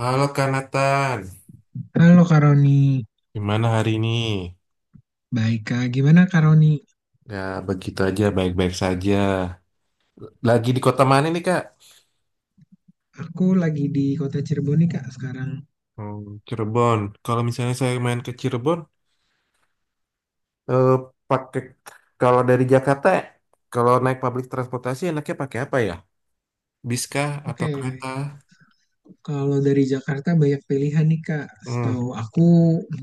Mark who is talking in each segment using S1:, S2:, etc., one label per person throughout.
S1: Halo Kak Nathan,
S2: Halo Kak Roni,
S1: gimana hari ini?
S2: baik Kak. Gimana Kak Roni?
S1: Ya begitu aja, baik-baik saja. Lagi di kota mana nih Kak?
S2: Aku lagi di kota Cirebon nih Kak sekarang.
S1: Hmm, Cirebon. Kalau misalnya saya main ke Cirebon, eh, pakai kalau dari Jakarta, kalau naik public transportasi enaknya pakai apa ya? Bis kah atau
S2: Oke,
S1: kereta?
S2: kalau dari Jakarta banyak pilihan nih Kak.
S1: Hmm.
S2: Setahu aku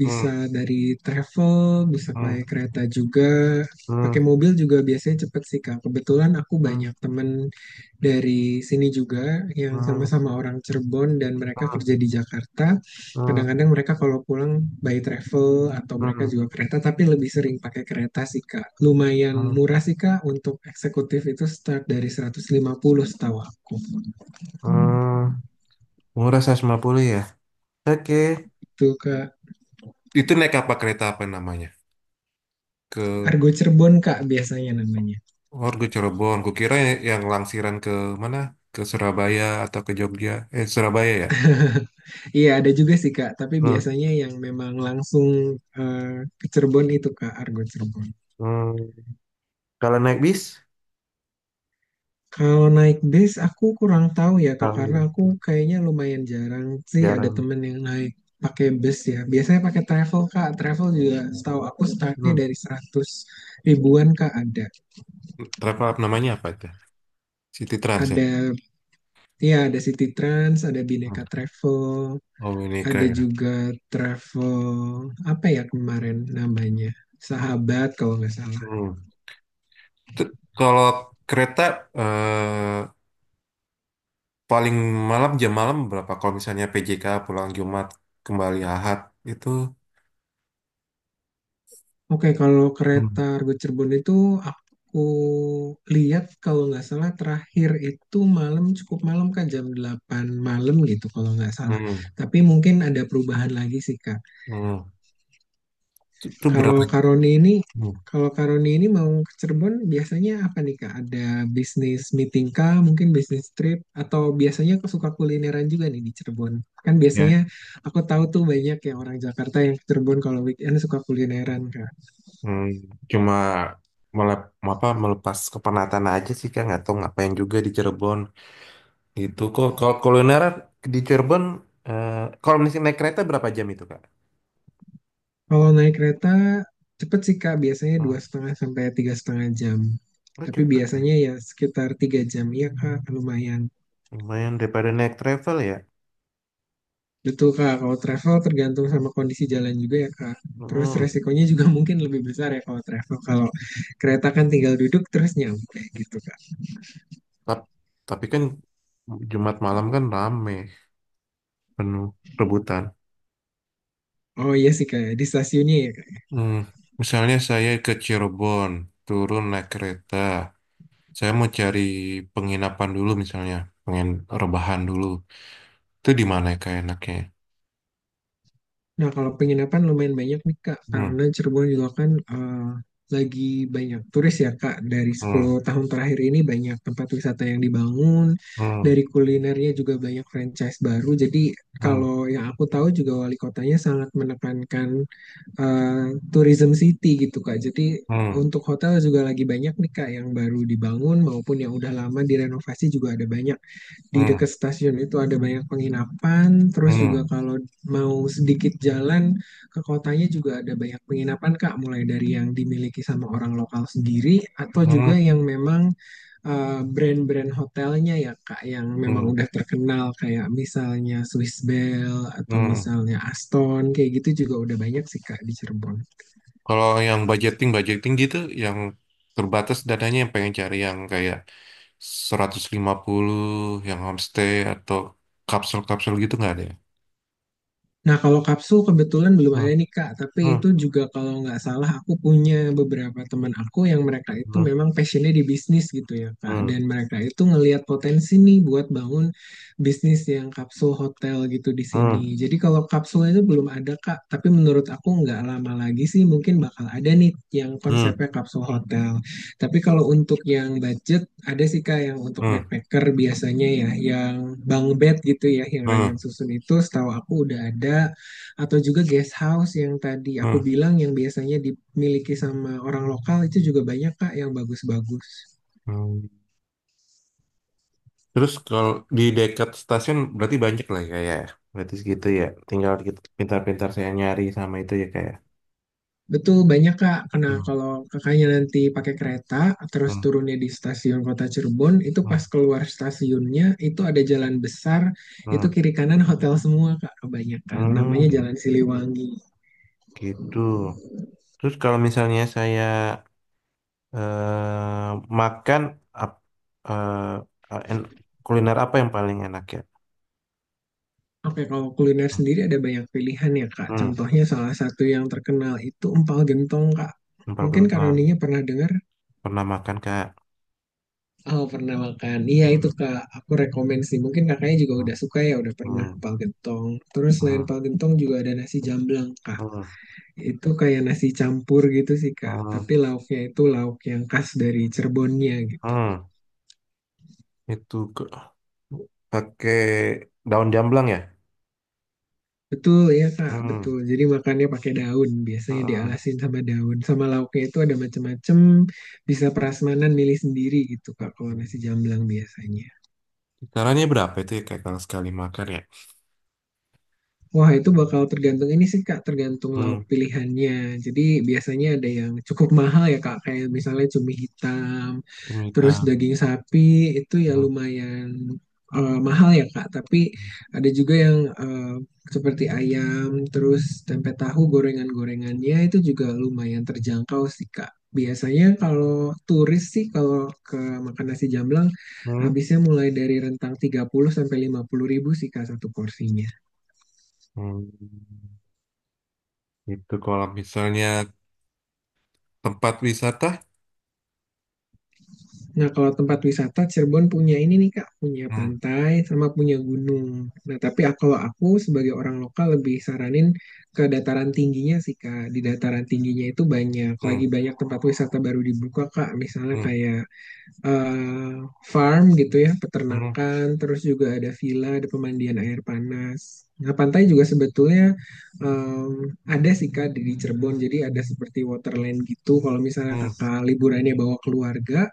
S2: bisa dari travel, bisa pakai kereta juga,
S1: Hmm.
S2: pakai mobil juga biasanya cepet sih Kak. Kebetulan aku banyak temen dari sini juga yang
S1: Hmm.
S2: sama-sama orang Cirebon dan mereka kerja di Jakarta.
S1: Hmm.
S2: Kadang-kadang mereka kalau pulang by travel atau mereka juga kereta, tapi lebih sering pakai kereta sih Kak. Lumayan murah sih Kak, untuk eksekutif itu start dari 150 setahu aku.
S1: Hmm. Murah 150 ya? Oke.
S2: Itu Kak.
S1: Itu naik apa kereta apa namanya? Ke
S2: Argo Cirebon Kak biasanya namanya.
S1: Warga Cirebon, kukira yang langsiran ke mana? Ke Surabaya atau ke Jogja? Surabaya ya?
S2: Iya ada juga sih Kak, tapi
S1: Hmm.
S2: biasanya yang memang langsung eh, ke Cirebon itu Kak Argo Cirebon.
S1: Hmm. Kalau naik bis
S2: Kalau naik bis aku kurang tahu ya Kak, karena aku kayaknya lumayan jarang sih ada
S1: jarang.
S2: temen yang naik pakai bus ya. Biasanya pakai travel Kak. Travel juga setahu aku startnya
S1: Hmm.
S2: dari 100 ribuan Kak ada.
S1: Travel app namanya apa itu? City Trans ya.
S2: Ada iya, ada City Trans, ada Bineka Travel,
S1: Oh, ini
S2: ada
S1: keren.
S2: juga travel apa ya kemarin namanya Sahabat kalau nggak salah.
S1: Hmm. Kalau kereta eh, paling malam jam malam berapa? Kalau misalnya PJK pulang Jumat kembali Ahad itu,
S2: Oke kalau kereta Argo Cirebon itu aku lihat kalau nggak salah terakhir itu malam, cukup malam Kak, jam 8 malam gitu kalau nggak salah.
S1: hmm,
S2: Tapi mungkin ada perubahan lagi sih Kak.
S1: hmm. Itu
S2: Kalau
S1: berapa?
S2: Karoni ini, kalau Karoni ini mau ke Cirebon biasanya apa nih Kak? Ada bisnis meeting kah, mungkin bisnis trip, atau biasanya aku suka kulineran juga nih di Cirebon. Kan biasanya
S1: Ya.
S2: aku tahu tuh banyak yang orang Jakarta yang ke Cirebon kalau weekend suka kulineran Kak.
S1: Hmm, cuma melep, apa melepas kepenatan aja sih kak, nggak tahu ngapain juga di Cirebon itu, kok. Kalau kuliner di Cirebon, eh, kalau misalnya naik kereta berapa jam itu kak?
S2: Kalau naik kereta cepet sih Kak, biasanya 2,5 sampai 3,5 jam.
S1: Lu
S2: Tapi
S1: cepet ya?
S2: biasanya ya sekitar 3 jam, iya Kak, lumayan.
S1: Lumayan daripada naik travel ya.
S2: Betul Kak, kalau travel tergantung sama kondisi jalan juga ya Kak. Terus
S1: Hmm.
S2: resikonya juga mungkin lebih besar ya kalau travel. Kalau kereta kan tinggal duduk terus nyampe gitu Kak.
S1: Tap- Tapi kan Jumat malam kan rame penuh rebutan.
S2: Oh iya sih Kak, ya. Di stasiunnya ya Kak.
S1: Hmm. Misalnya saya ke Cirebon turun naik kereta, saya mau cari penginapan dulu misalnya, pengen rebahan dulu. Itu di mana ya kayak enaknya, ya?
S2: Nah kalau penginapan lumayan banyak nih Kak,
S1: Hmm.
S2: karena Cirebon juga kan lagi banyak turis ya Kak. Dari
S1: Hmm.
S2: 10 tahun terakhir ini banyak tempat wisata yang dibangun, dari kulinernya juga banyak franchise baru. Jadi kalau yang aku tahu juga wali kotanya sangat menekankan eh, tourism city gitu Kak. Jadi
S1: Hmm.
S2: untuk hotel juga lagi banyak nih Kak, yang baru dibangun maupun yang udah lama direnovasi juga ada banyak. Di
S1: Hmm.
S2: dekat stasiun itu ada banyak penginapan, terus juga
S1: Hmm.
S2: kalau mau sedikit jalan ke kotanya juga ada banyak penginapan Kak, mulai dari yang dimiliki sama orang lokal sendiri atau juga
S1: Hmm.
S2: yang memang brand-brand hotelnya ya Kak yang memang
S1: Hmm.
S2: udah terkenal kayak misalnya Swiss Bell atau
S1: Hmm.
S2: misalnya Aston kayak gitu juga udah banyak sih Kak di Cirebon.
S1: Kalau yang budgeting budgeting gitu yang terbatas dananya yang pengen cari yang kayak 150, yang homestay atau kapsul-kapsul gitu nggak ada ya?
S2: Nah, kalau kapsul kebetulan belum ada nih Kak, tapi
S1: Hmm.
S2: itu juga kalau nggak salah aku punya beberapa teman aku yang mereka itu memang passionnya di bisnis gitu ya Kak,
S1: Hmm.
S2: dan mereka itu ngelihat potensi nih buat bangun bisnis yang kapsul hotel gitu di
S1: Hmm.
S2: sini. Jadi kalau kapsul itu belum ada Kak, tapi menurut aku nggak lama lagi sih mungkin bakal ada nih yang
S1: Hmm.
S2: konsepnya kapsul hotel. Tapi kalau untuk yang budget, ada sih Kak yang untuk
S1: Hmm.
S2: backpacker biasanya ya, yang bunk bed gitu ya, yang ranjang
S1: Hmm.
S2: susun itu setahu aku udah ada. Atau juga guest house yang tadi aku
S1: Hmm.
S2: bilang yang biasanya dimiliki sama orang lokal itu juga banyak Kak yang bagus-bagus.
S1: Hmm. Terus kalau di dekat stasiun berarti banyak lah ya kayak ya. Berarti segitu ya, tinggal kita pintar-pintar saya nyari sama itu ya kayak
S2: Betul, banyak Kak. Karena kalau kakaknya nanti pakai kereta, terus turunnya di stasiun Kota Cirebon, itu pas keluar stasiunnya, itu ada jalan besar, itu kiri kanan hotel semua Kak, kebanyakan. Namanya
S1: hmm,
S2: Jalan Siliwangi.
S1: gitu. Terus kalau misalnya saya eh, makan ap- eh, eh, en- kuliner apa yang paling enak ya?
S2: Oke, kalau kuliner sendiri ada banyak pilihan ya, Kak.
S1: Hmm,
S2: Contohnya salah satu yang terkenal itu empal gentong, Kak.
S1: empal
S2: Mungkin
S1: gentong.
S2: Karoninya pernah dengar?
S1: Pernah makan Kak?
S2: Oh, pernah makan. Iya, itu Kak. Aku rekomen sih. Mungkin kakaknya juga udah suka ya, udah pernah empal gentong. Terus selain
S1: Hmm.
S2: empal gentong juga ada nasi jamblang, Kak. Itu kayak nasi campur gitu sih, Kak. Tapi lauknya itu lauk yang khas dari Cirebonnya gitu.
S1: Hmm, itu pakai daun jamblang ya?
S2: Betul ya Kak, betul. Jadi makannya pakai daun, biasanya dialasin sama daun. Sama lauknya itu ada macam-macam, bisa prasmanan milih sendiri gitu Kak, kalau nasi jamblang biasanya.
S1: Kisarannya berapa itu ya Kak kalau sekali makan ya?
S2: Wah itu bakal tergantung ini sih Kak, tergantung lauk
S1: Hmm,
S2: pilihannya. Jadi biasanya ada yang cukup mahal ya Kak, kayak misalnya cumi hitam.
S1: cumi
S2: Terus
S1: hitam.
S2: daging sapi itu ya lumayan mahal ya Kak, tapi ada juga yang seperti ayam, terus tempe tahu gorengan-gorengannya itu juga lumayan terjangkau sih Kak. Biasanya kalau turis sih kalau ke makan nasi jamblang
S1: Hmm.
S2: habisnya mulai dari rentang 30 sampai 50 ribu sih Kak satu porsinya.
S1: Hmm. Itu kalau misalnya tempat wisata?
S2: Nah, kalau tempat wisata Cirebon punya ini nih Kak, punya
S1: Hmm.
S2: pantai sama punya gunung. Nah, tapi kalau aku sebagai orang lokal lebih saranin ke dataran tingginya sih Kak. Di dataran tingginya itu banyak, lagi banyak tempat wisata baru dibuka Kak. Misalnya
S1: Hmm.
S2: kayak eh, farm gitu ya, peternakan, terus juga ada villa, ada pemandian air panas. Nah, pantai juga sebetulnya em, ada sih Kak di Cirebon. Jadi ada seperti waterland gitu. Kalau misalnya Kakak liburannya bawa keluarga,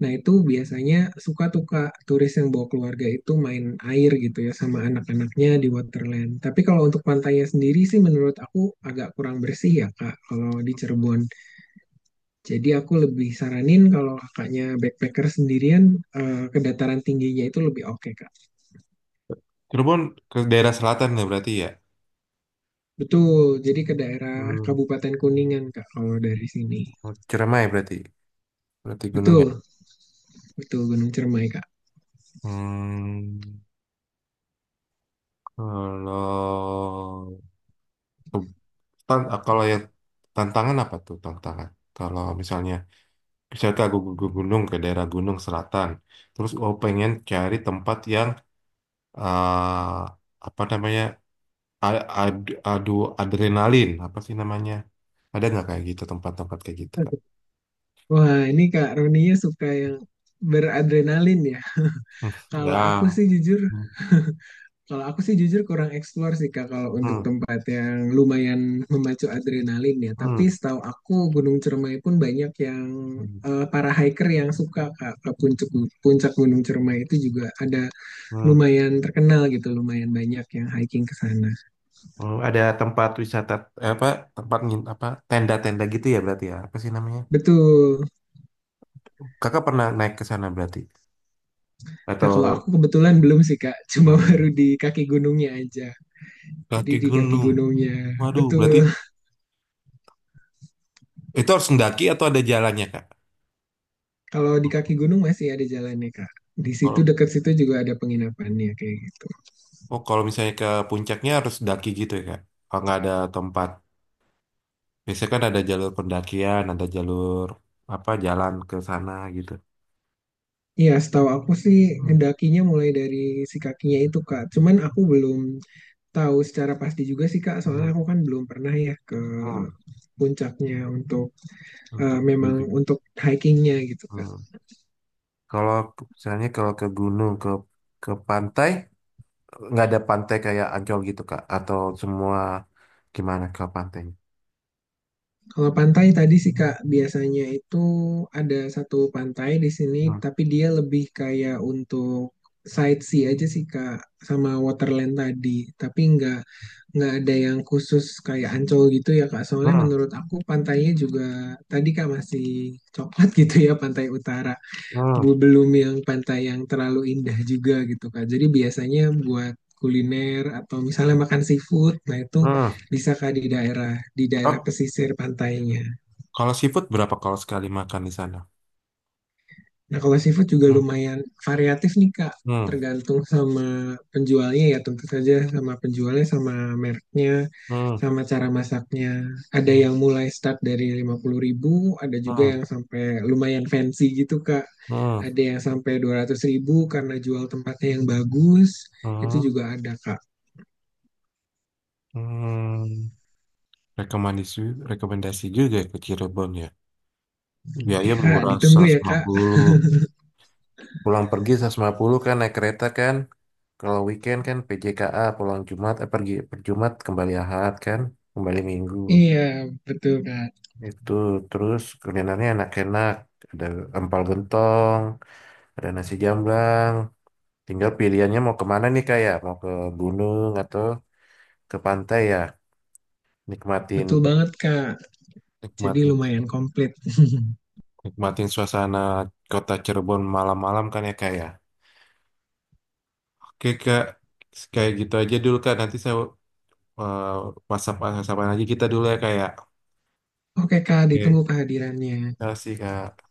S2: nah, itu biasanya suka tuh Kak, turis yang bawa keluarga itu main air gitu ya sama anak-anaknya di Waterland. Tapi kalau untuk pantainya sendiri sih menurut aku agak kurang bersih ya Kak kalau di Cirebon. Jadi aku lebih saranin kalau kakaknya backpacker sendirian ke dataran tingginya itu lebih oke Kak.
S1: Cirebon ke daerah selatan ya berarti ya?
S2: Betul, jadi ke daerah
S1: Hmm.
S2: Kabupaten Kuningan Kak kalau dari sini.
S1: Ciremai berarti. Berarti gunungnya.
S2: Betul, betul Gunung Cermai Kak.
S1: Hmm, kalau kalau ya tantangan apa tuh tantangan? Kalau misalnya misalnya aku ke gunung ke daerah gunung selatan, terus oh pengen cari tempat yang ah, apa namanya a- ad, adu adrenalin apa sih namanya? Ada nggak kayak gitu tempat-tempat kayak gitu kan?
S2: Wah, ini Kak Roninya suka yang beradrenalin ya. Kalau aku
S1: Ya.
S2: sih jujur Kalau aku sih jujur kurang eksplor sih Kak kalau untuk
S1: Hmm.
S2: tempat yang lumayan memacu adrenalin ya.
S1: Hmm.
S2: Tapi setahu aku Gunung Cermai pun banyak yang para hiker yang suka Kak ke puncak puncak Gunung Cermai itu juga ada
S1: Hmm.
S2: lumayan terkenal gitu, lumayan banyak yang hiking ke sana.
S1: Ada tempat wisata apa tempat apa tenda-tenda gitu ya berarti ya apa sih namanya?
S2: Betul.
S1: Kakak pernah naik ke sana berarti?
S2: Nah,
S1: Atau
S2: kalau aku kebetulan belum sih Kak, cuma
S1: hmm,
S2: baru di kaki gunungnya aja. Jadi
S1: kaki
S2: di kaki
S1: gunung?
S2: gunungnya.
S1: Waduh, berarti
S2: Betul.
S1: itu harus mendaki atau ada jalannya, Kak?
S2: Kalau di kaki gunung masih ada jalannya Kak. Di situ
S1: Kalau
S2: dekat situ juga ada penginapannya kayak gitu.
S1: oh, kalau misalnya ke puncaknya harus daki gitu ya, Kak? Kalau nggak ada tempat. Biasanya kan ada jalur pendakian, ada jalur apa jalan ke sana gitu.
S2: Iya, setahu aku sih ngedakinya mulai dari si kakinya itu Kak. Cuman aku belum tahu secara pasti juga sih Kak, soalnya aku kan belum pernah ya ke
S1: Hmm.
S2: puncaknya untuk
S1: Untuk view.
S2: memang untuk hikingnya gitu.
S1: Kalau misalnya kalau ke gunung ke pantai, nggak ada pantai kayak Ancol gitu Kak atau semua gimana ke pantainya?
S2: Kalau pantai tadi sih Kak, biasanya itu ada satu pantai di sini, tapi dia lebih kayak untuk sightsee aja sih Kak, sama waterland tadi. Tapi nggak ada yang khusus kayak Ancol gitu ya Kak. Soalnya menurut aku pantainya juga tadi Kak masih coklat gitu ya pantai utara
S1: Hmm.
S2: belum yang pantai yang terlalu indah juga gitu Kak. Jadi biasanya buat kuliner atau misalnya makan seafood, nah itu
S1: Hmm.
S2: bisa Kak di daerah
S1: Oh,
S2: pesisir pantainya.
S1: kalau seafood berapa kalau sekali makan di sana?
S2: Nah, kalau seafood juga lumayan variatif nih, Kak. Tergantung sama penjualnya ya, tentu saja sama penjualnya, sama mereknya,
S1: Hmm.
S2: sama cara masaknya. Ada yang mulai start dari 50 ribu, ada juga
S1: Hmm.
S2: yang sampai lumayan fancy gitu, Kak.
S1: Hmm.
S2: Ada yang sampai 200 ribu karena jual tempatnya yang bagus. Itu
S1: Hmm.
S2: juga ada, Kak.
S1: Hmm. Rekomendasi, rekomendasi juga ya ke Cirebon ya. Biaya
S2: Iya,
S1: murah
S2: ditunggu
S1: seratus
S2: ya,
S1: lima
S2: Kak.
S1: puluh. Pulang pergi 150 kan naik kereta kan. Kalau weekend kan PJKA pulang Jumat, eh pergi per Jumat kembali Ahad kan, kembali Minggu.
S2: Iya, betul, Kak.
S1: Itu terus kulinernya enak-enak. Ada empal gentong, ada nasi jamblang. Tinggal pilihannya mau kemana nih, kayak mau ke gunung atau ke pantai ya. Nikmatin,
S2: Betul banget, Kak. Jadi
S1: nikmatin,
S2: lumayan komplit.
S1: nikmatin suasana kota Cirebon malam-malam kan ya Kak ya. Oke Kak, kayak gitu aja dulu Kak, nanti saya eh, WhatsApp WhatsAppan aja kita dulu ya Kak ya.
S2: Oke, Kak, ditunggu
S1: Oke,
S2: kehadirannya.
S1: terima kasih Kak.